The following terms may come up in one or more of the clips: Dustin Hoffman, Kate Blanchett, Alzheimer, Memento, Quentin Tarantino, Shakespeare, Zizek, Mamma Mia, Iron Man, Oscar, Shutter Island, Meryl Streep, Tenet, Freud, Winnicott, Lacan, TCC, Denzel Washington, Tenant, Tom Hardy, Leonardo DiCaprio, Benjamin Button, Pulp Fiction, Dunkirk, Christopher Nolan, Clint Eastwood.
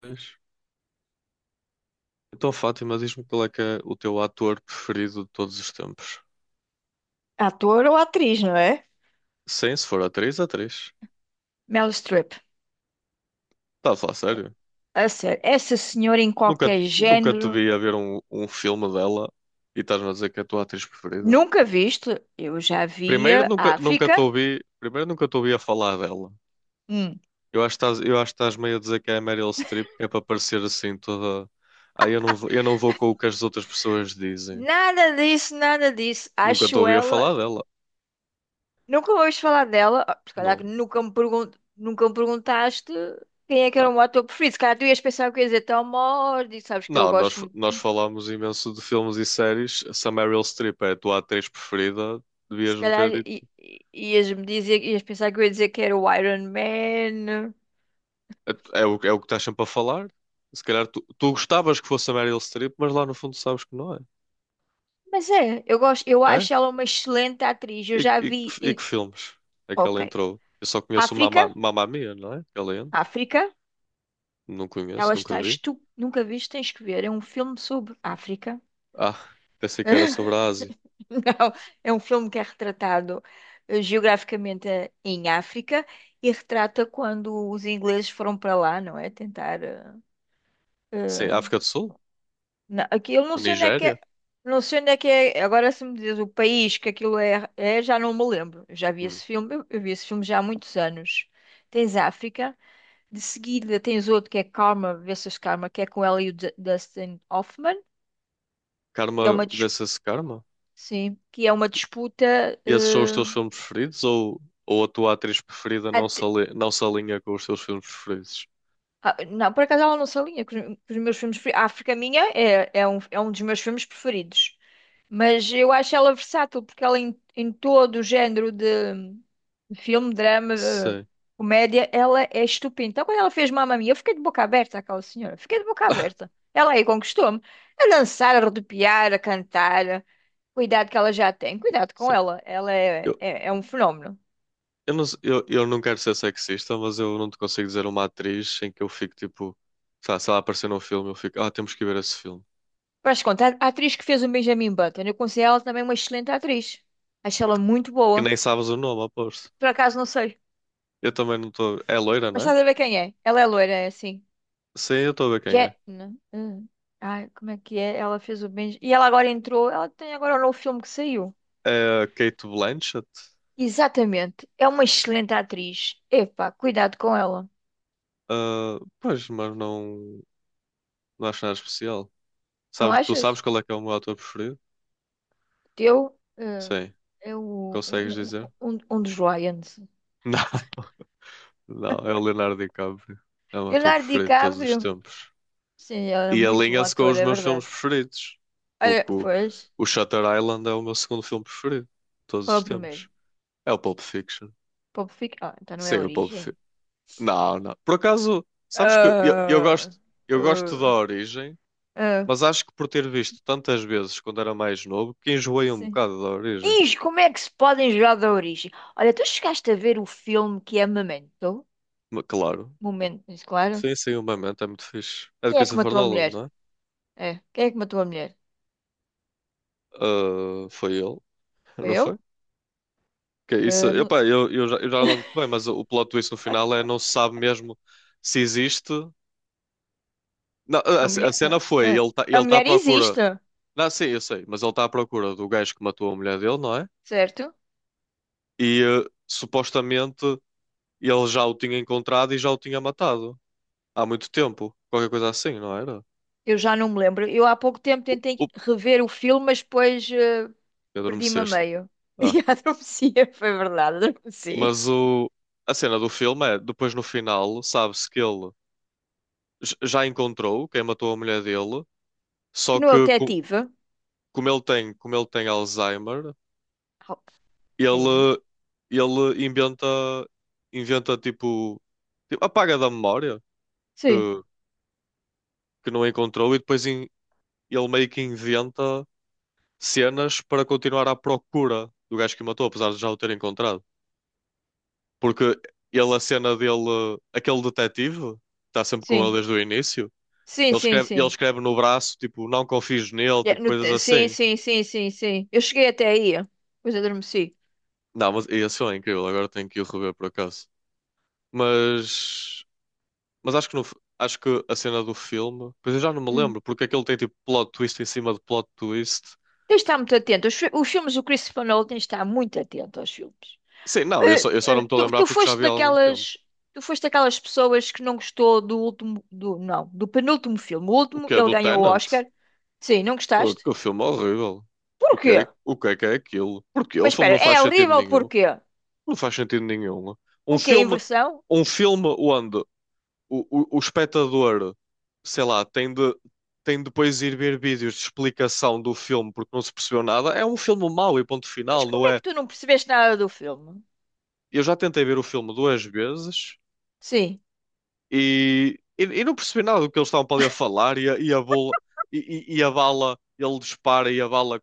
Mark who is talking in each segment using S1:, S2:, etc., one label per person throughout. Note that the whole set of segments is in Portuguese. S1: Pois. Então, Fátima, diz-me qual é que é o teu ator preferido de todos os tempos?
S2: Ator ou atriz, não é?
S1: Sim, se for atriz, atriz.
S2: Meryl Streep.
S1: Estás a falar sério?
S2: A sério, essa senhora em
S1: Nunca,
S2: qualquer
S1: nunca te
S2: género,
S1: vi a ver um filme dela e estás-me a dizer que é a tua atriz preferida.
S2: nunca viste? Eu já
S1: Primeiro,
S2: via
S1: nunca
S2: África.
S1: te ouvi, primeiro, nunca te ouvi a falar dela.
S2: Hum.
S1: Eu acho que estás meio a dizer que é a Meryl Streep, que é para parecer assim toda. Eu não vou com o que as outras pessoas dizem.
S2: Nada disso, nada disso.
S1: Nunca te
S2: Acho
S1: ouvi a
S2: ela.
S1: falar dela.
S2: Nunca ouvi falar dela. Ah, se calhar
S1: Não.
S2: que nunca me perguntaste quem é que era
S1: Tá.
S2: o meu ator preferido. Se calhar tu ias pensar que eu ia dizer Tom Hardy, sabes que eu
S1: Não, nós,
S2: gosto muito.
S1: nós falámos imenso de filmes e séries. Se a Meryl Streep é a tua atriz preferida,
S2: Se
S1: devias-me
S2: calhar
S1: ter dito.
S2: ias-me dizer, ias pensar que eu ia dizer que era o Iron Man.
S1: É o que estás sempre a falar. Se calhar tu gostavas que fosse a Meryl Streep, mas lá no fundo sabes que não é.
S2: Mas é, eu gosto, eu
S1: É?
S2: acho ela uma excelente atriz. Eu já vi.
S1: E que
S2: Em-
S1: filmes é que ela
S2: Ok.
S1: entrou? Eu só conheço o
S2: África,
S1: Mamma Mia, não é? Que ela entra.
S2: África,
S1: Não conheço, nunca vi.
S2: Nunca viste, tens que ver. É um filme sobre África.
S1: Ah, pensei que era sobre a Ásia.
S2: Não, é um filme que é retratado geograficamente em África e retrata quando os ingleses foram para lá, não é? Tentar.
S1: Sim,
S2: Eh,
S1: África do Sul?
S2: Aqui, eu não
S1: Ou
S2: sei onde é que
S1: Nigéria?
S2: é. Não sei onde é que é. Agora, se me diz o país que aquilo é, é, já não me lembro. Eu já vi
S1: Hum.
S2: esse filme. Eu vi esse filme já há muitos anos. Tens África. De seguida, tens outro que é Karma versus Karma, que é com ela e o Dustin Hoffman, que é
S1: Karma, vê-se esse Karma?
S2: sim, que é uma disputa.
S1: E esses são os
S2: eh,
S1: teus filmes preferidos? Ou a tua atriz preferida não se alinha com os teus filmes preferidos?
S2: Ah, não, por acaso ela não se alinha com com os meus filmes. A África Minha é, é um dos meus filmes preferidos. Mas eu acho ela versátil porque ela em todo o género de filme, drama,
S1: Sim.
S2: comédia, ela é estupenda. Então quando ela fez Mamma Mia, eu fiquei de boca aberta aquela senhora. Fiquei de boca
S1: Ah,
S2: aberta. Ela aí conquistou-me. A dançar, a rodopiar, a cantar. Cuidado que ela já tem. Cuidado com
S1: sim.
S2: ela. Ela
S1: Eu,
S2: é, é, é um fenómeno.
S1: eu não quero ser sexista, mas eu não te consigo dizer uma atriz em que eu fico tipo, tá, se ela aparecer num filme, eu fico, ah, temos que ver esse filme.
S2: Mas conta, a atriz que fez o Benjamin Button, eu considero ela também uma excelente atriz. Acho ela muito
S1: Que
S2: boa.
S1: nem sabes o nome, aposto.
S2: Por acaso não sei.
S1: Eu também não estou. É loira,
S2: Mas
S1: não é?
S2: estás a ver quem é? Ela é loira, é assim.
S1: Sim, eu estou a ver quem
S2: Je...
S1: é.
S2: não. Ai, como é que é? Ela fez o Benjamin. E ela agora entrou. Ela tem agora um novo filme que saiu.
S1: É a Kate Blanchett.
S2: Exatamente. É uma excelente atriz. Epá, cuidado com ela.
S1: Ah, pois, mas não, não acho nada especial.
S2: Não
S1: Sabes, tu sabes
S2: achas?
S1: qual é que é o meu ator preferido?
S2: Teu
S1: Sim.
S2: é o,
S1: Consegues
S2: um,
S1: dizer?
S2: um dos Lions.
S1: Não, não, é o Leonardo DiCaprio. É o meu ator
S2: Leonardo
S1: preferido de todos os
S2: DiCaprio.
S1: tempos.
S2: Sim, ela é
S1: E
S2: muito bom
S1: alinha-se com
S2: ator,
S1: os
S2: é
S1: meus filmes
S2: verdade.
S1: preferidos.
S2: Olha,
S1: Porque o,
S2: pois,
S1: o Shutter Island é o meu segundo filme preferido de todos
S2: qual é
S1: os
S2: o
S1: tempos.
S2: primeiro?
S1: É o Pulp Fiction.
S2: Ah, então não é
S1: Sim, o Pulp
S2: origem?
S1: Fiction. Não, não. Por acaso, sabes que eu
S2: Ah,
S1: gosto, eu gosto da
S2: ah,
S1: origem,
S2: ah,
S1: mas acho que por ter visto tantas vezes quando era mais novo, que enjoei um
S2: sim.
S1: bocado da origem.
S2: Ih, como é que se podem jogar da origem? Olha, tu chegaste a ver o filme que é Memento?
S1: Mas, claro.
S2: Momento, isso, claro.
S1: Sim, sim, o Memento é muito fixe. É de
S2: Quem é que
S1: Christopher
S2: matou a
S1: Nolan,
S2: mulher?
S1: não é?
S2: É, quem é que matou a mulher?
S1: Ah, foi ele,
S2: Foi
S1: não foi?
S2: eu?
S1: Que isso,
S2: Ah, não-
S1: epá, eu já não lembro muito bem, mas o plot twist no final é não se sabe mesmo se existe. Não, a,
S2: A
S1: a
S2: mulher...
S1: cena foi,
S2: ah. A
S1: ele tá à
S2: mulher
S1: procura.
S2: existe,
S1: Não, sim, eu sei, mas ele está à procura do gajo que matou a mulher dele, não é?
S2: certo?
S1: Supostamente ele já o tinha encontrado e já o tinha matado há muito tempo, qualquer coisa assim, não era?
S2: Eu já não me lembro. Eu há pouco tempo
S1: U-
S2: tentei
S1: up,
S2: rever o filme, mas depois perdi-me a
S1: Adormeceste.
S2: meio.
S1: Ah.
S2: E adormeci, foi verdade, adormeci.
S1: Mas a cena do filme é, depois no final, sabe-se que ele já encontrou quem matou a mulher dele.
S2: Que
S1: Só
S2: não é o
S1: que co-
S2: detetive?
S1: Como ele tem, como ele tem Alzheimer,
S2: Ho- sim
S1: ele, ele inventa tipo, tipo, apaga da memória que,
S2: sim,
S1: que não encontrou e ele meio que inventa cenas para continuar à procura do gajo que o matou, apesar de já o ter encontrado. Porque a cena dele, aquele detetive, que está sempre com ele
S2: sim,
S1: desde o início,
S2: sim, sim,
S1: ele
S2: sim.
S1: escreve no braço, tipo, não confies nele,
S2: É,
S1: tipo,
S2: no
S1: coisas
S2: te- Sim,
S1: assim.
S2: sim, sim, sim, sim. Eu cheguei até aí, depois adormeci.
S1: Não, mas esse filme é incrível, agora tenho que ir rever por acaso. Mas. Mas acho que, no f- acho que a cena do filme, pois eu já não me
S2: Hum.
S1: lembro, porque aquilo tem tipo plot twist em cima de plot twist.
S2: Tens de estar muito atento. Os filmes do Christopher Nolan tens de estar muito atento aos filmes.
S1: Sim, não,
S2: Eh,
S1: eu só não
S2: eh,
S1: me estou a
S2: tu,
S1: lembrar
S2: tu
S1: porque já
S2: foste
S1: vi há algum tempo.
S2: daquelas, tu foste daquelas pessoas que não gostou do último, não, do penúltimo filme. O
S1: O
S2: último,
S1: que é
S2: ele
S1: do
S2: ganhou o
S1: Tenant?
S2: Oscar. Sim, não
S1: Oh,
S2: gostaste?
S1: que filme horrível.
S2: Porquê?
S1: O que é aquilo? Porque o
S2: Mas
S1: filme
S2: espera,
S1: não faz
S2: é
S1: sentido
S2: horrível
S1: nenhum.
S2: porquê?
S1: Não faz sentido nenhum. Um
S2: O que é
S1: filme,
S2: inversão?
S1: Um filme onde o espectador, sei lá, tem de depois ir ver vídeos de explicação do filme porque não se percebeu nada, é um filme mau e ponto
S2: Mas
S1: final,
S2: como
S1: não
S2: é que
S1: é?
S2: tu não percebeste nada do filme?
S1: Eu já tentei ver o filme duas vezes
S2: Sim.
S1: e não percebi nada do que eles estavam para ali a falar e e a bola e a bala, ele dispara e a bala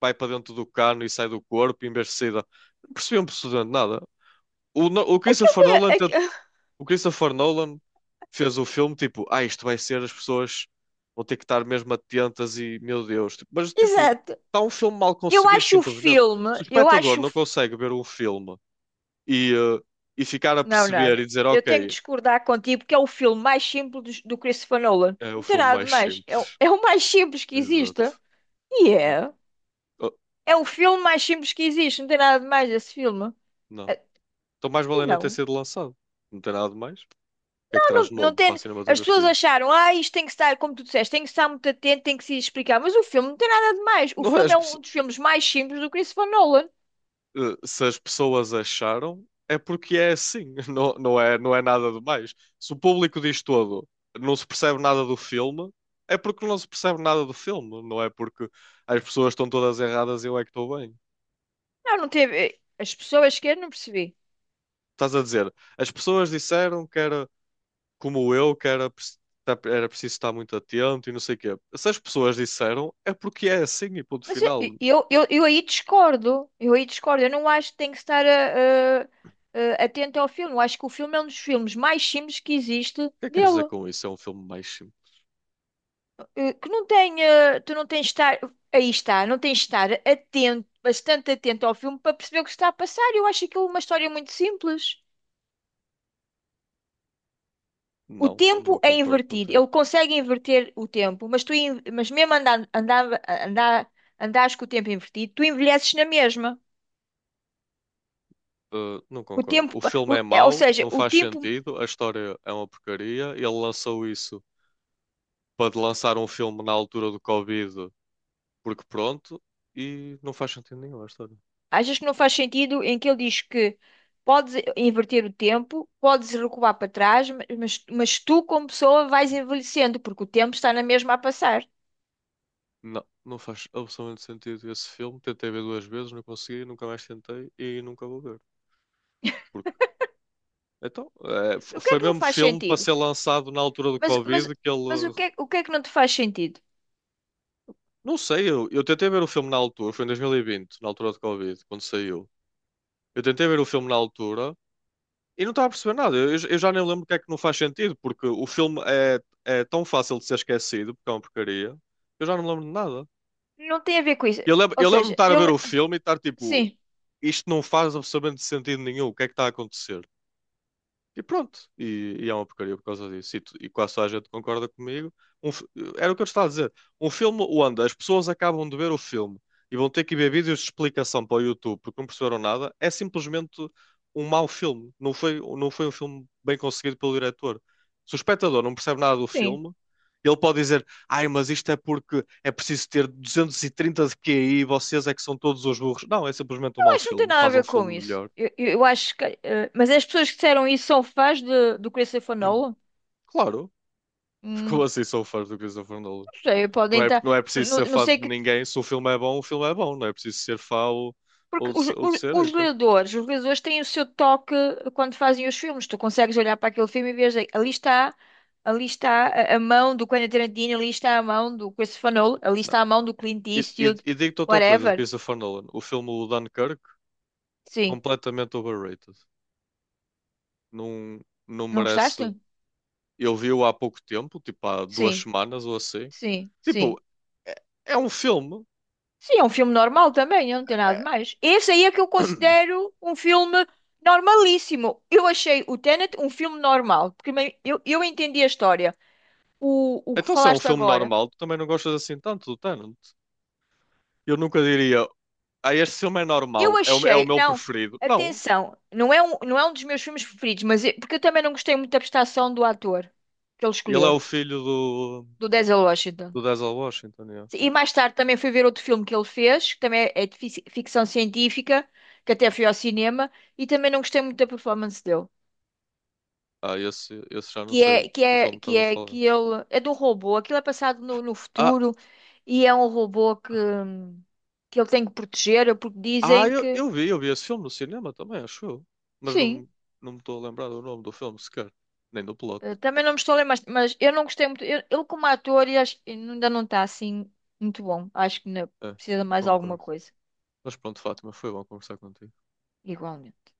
S1: vai para dentro do cano e sai do corpo em vez de sair da... Não percebi absolutamente nada. O, No- o
S2: Aquilo
S1: Christopher Nolan,
S2: é,
S1: tent-
S2: é
S1: O Christopher Nolan fez o filme tipo, ah, isto vai ser, as pessoas vão ter que estar mesmo atentas e, meu Deus, tipo, mas tipo,
S2: Exato.
S1: está um filme mal
S2: Eu
S1: conseguido,
S2: acho o
S1: simplesmente.
S2: filme,
S1: Se o
S2: eu
S1: espectador
S2: acho. O
S1: não
S2: fi-
S1: consegue ver um filme e, eh, e ficar a
S2: Não, não,
S1: perceber
S2: não.
S1: e dizer,
S2: Eu tenho que
S1: ok.
S2: discordar contigo porque é o filme mais simples do Christopher Nolan.
S1: É o
S2: Não tem
S1: filme
S2: nada de
S1: mais
S2: mais. É,
S1: simples.
S2: é o mais simples que existe.
S1: Exato.
S2: E
S1: É.
S2: é.
S1: Oh,
S2: É o filme mais simples que existe. Não tem nada de mais esse filme.
S1: não.
S2: É-
S1: Então mais
S2: E
S1: vale nem ter
S2: não.
S1: sido lançado. Não tem nada de mais. O que é que traz de
S2: Não
S1: novo para a
S2: tem. As pessoas
S1: cinematografia?
S2: acharam, ah, isto tem que estar, como tu disseste, tem que estar muito atento, tem que se explicar. Mas o filme não tem nada de mais. O
S1: Não é
S2: filme
S1: as
S2: é
S1: pesso-
S2: um dos filmes mais simples do Christopher Nolan.
S1: eh, Se as pessoas acharam, é porque é assim. Não, não é nada de mais. Se o público diz todo, não se percebe nada do filme, é porque não se percebe nada do filme. Não é porque as pessoas estão todas erradas e eu é que estou bem.
S2: Não, não teve. As pessoas que eu não percebi.
S1: Estás a dizer, as pessoas disseram que era como eu, que era, preci- tá- era preciso estar muito atento e não sei o quê. Se as pessoas disseram, é porque é assim e ponto
S2: Mas eu,
S1: final. O
S2: eu, eu, eu aí discordo. Eu aí discordo. Eu não acho que tem que estar atento ao filme. Eu acho que o filme é um dos filmes mais simples que existe
S1: que é que queres dizer
S2: dele.
S1: com isso? É um filme mais simples.
S2: Que não tem, eh, tu não tens de estar, aí está, não tens de estar atento, bastante atento ao filme para perceber o que está a passar. Eu acho aquilo uma história muito simples. O
S1: Não,
S2: tempo
S1: não
S2: é
S1: concordo
S2: invertido.
S1: contigo.
S2: Ele consegue inverter o tempo, mas mas mesmo andares com o tempo invertido, tu envelheces na mesma.
S1: Não
S2: O
S1: concordo.
S2: tempo,
S1: O
S2: pa-
S1: filme
S2: o-
S1: é
S2: é, ou
S1: mau,
S2: seja,
S1: não
S2: o
S1: faz
S2: tempo
S1: sentido, a história é uma porcaria. Ele lançou isso para lançar um filme na altura do Covid, porque pronto, e não faz sentido nenhum a história.
S2: Achas que não faz sentido em que ele diz que podes inverter o tempo, podes recuar para trás, mas tu, como pessoa, vais envelhecendo, porque o tempo está na mesma a passar.
S1: Não, não faz absolutamente sentido esse filme. Tentei ver duas vezes, não consegui, nunca mais tentei e nunca vou ver. Porque
S2: O que é
S1: Foi
S2: que não
S1: mesmo
S2: faz
S1: filme para
S2: sentido?
S1: ser lançado na altura do
S2: Mas, mas,
S1: Covid que
S2: mas
S1: ele.
S2: o que é que não te faz sentido?
S1: Não sei, eu tentei ver o filme na altura, foi em 2020, na altura do Covid, quando saiu. Eu tentei ver o filme na altura e não estava a perceber nada. Eu já nem lembro o que é que não faz sentido, porque o filme é tão fácil de ser esquecido, porque é uma porcaria. Que Eu já não lembro de nada.
S2: Não tem a ver com isso. Ou
S1: Eu lembro-me de
S2: seja,
S1: estar a
S2: eu.
S1: ver o filme e estar tipo,
S2: Sim,
S1: isto não faz absolutamente sentido nenhum, o que é que está a acontecer? E pronto, e é uma porcaria por causa disso. E quase toda a gente concorda comigo. Um fi- Era o que eu te estava a dizer. Um filme onde as pessoas acabam de ver o filme e vão ter que ver vídeos de explicação para o YouTube porque não perceberam nada, é simplesmente um mau filme. Não foi um filme bem conseguido pelo diretor. Se o espectador não percebe nada do
S2: sim.
S1: filme, ele pode dizer: Ai, mas isto é porque é preciso ter 230 de QI e vocês é que são todos os burros. Não, é simplesmente um
S2: Eu
S1: mau
S2: acho que não tem
S1: filme.
S2: nada a
S1: Faz um
S2: ver com
S1: filme
S2: isso.
S1: melhor.
S2: Eu acho que. Mas as pessoas que disseram isso são fãs de, do Christopher Nolan?
S1: Claro. Como
S2: Hum,
S1: assim sou fã do Christopher Nolan?
S2: não sei, podem estar.
S1: Não é preciso
S2: Não,
S1: ser
S2: não
S1: fã de
S2: sei que
S1: ninguém. Se o filme é bom, o filme é bom. Não é preciso ser fã
S2: Porque
S1: ou de ser hater.
S2: os leitores têm o seu toque quando fazem os filmes. Tu consegues olhar para aquele filme e vês ali está a mão do Quentin Tarantino, ali está a mão do Christopher Nolan, ali
S1: Não.
S2: está a mão do Clint Eastwood,
S1: E digo-te outra coisa de
S2: whatever.
S1: Christopher Nolan. O filme o Dunkirk,
S2: Sim.
S1: completamente overrated. Não, não
S2: Não
S1: merece.
S2: gostaste?
S1: Eu vi-o há pouco tempo, tipo há duas
S2: Sim,
S1: semanas ou assim.
S2: sim, sim.
S1: Tipo, é, é um filme.
S2: Sim, é um filme normal também, não tem nada de
S1: É-
S2: mais. Esse aí é que eu considero um filme normalíssimo. Eu achei o Tenet um filme normal, porque eu entendi a história. O que
S1: Então, se é um
S2: falaste
S1: filme
S2: agora.
S1: normal, tu também não gostas assim tanto do Tenant. Eu nunca diria, ah, este filme é
S2: Eu
S1: normal, é o
S2: achei,
S1: meu
S2: não,
S1: preferido. Não.
S2: atenção, não é um, não é um dos meus filmes preferidos, porque eu também não gostei muito da prestação do ator que ele
S1: Ele é
S2: escolheu,
S1: o filho do,
S2: do Denzel Washington.
S1: do Denzel Washington, yeah.
S2: E mais tarde também fui ver outro filme que ele fez, que também é de ficção científica, que até fui ao cinema, e também não gostei muito da performance dele.
S1: Ah, esse já não sei o filme que
S2: Que
S1: estás a
S2: é,
S1: falar.
S2: que ele é de um robô, aquilo é passado no
S1: Ah,
S2: futuro e é um robô que ele tem que proteger, porque dizem que,
S1: eu vi esse filme no cinema também, acho eu. Mas não,
S2: sim.
S1: me- não me estou a lembrar do nome do filme sequer, nem do plot.
S2: Também não me estou a lembrar, mas eu não gostei muito. Ele, como ator, ainda não está assim muito bom. Acho que ainda
S1: É,
S2: precisa de mais alguma
S1: concordo.
S2: coisa,
S1: Mas pronto, Fátima, foi bom conversar contigo.
S2: igualmente.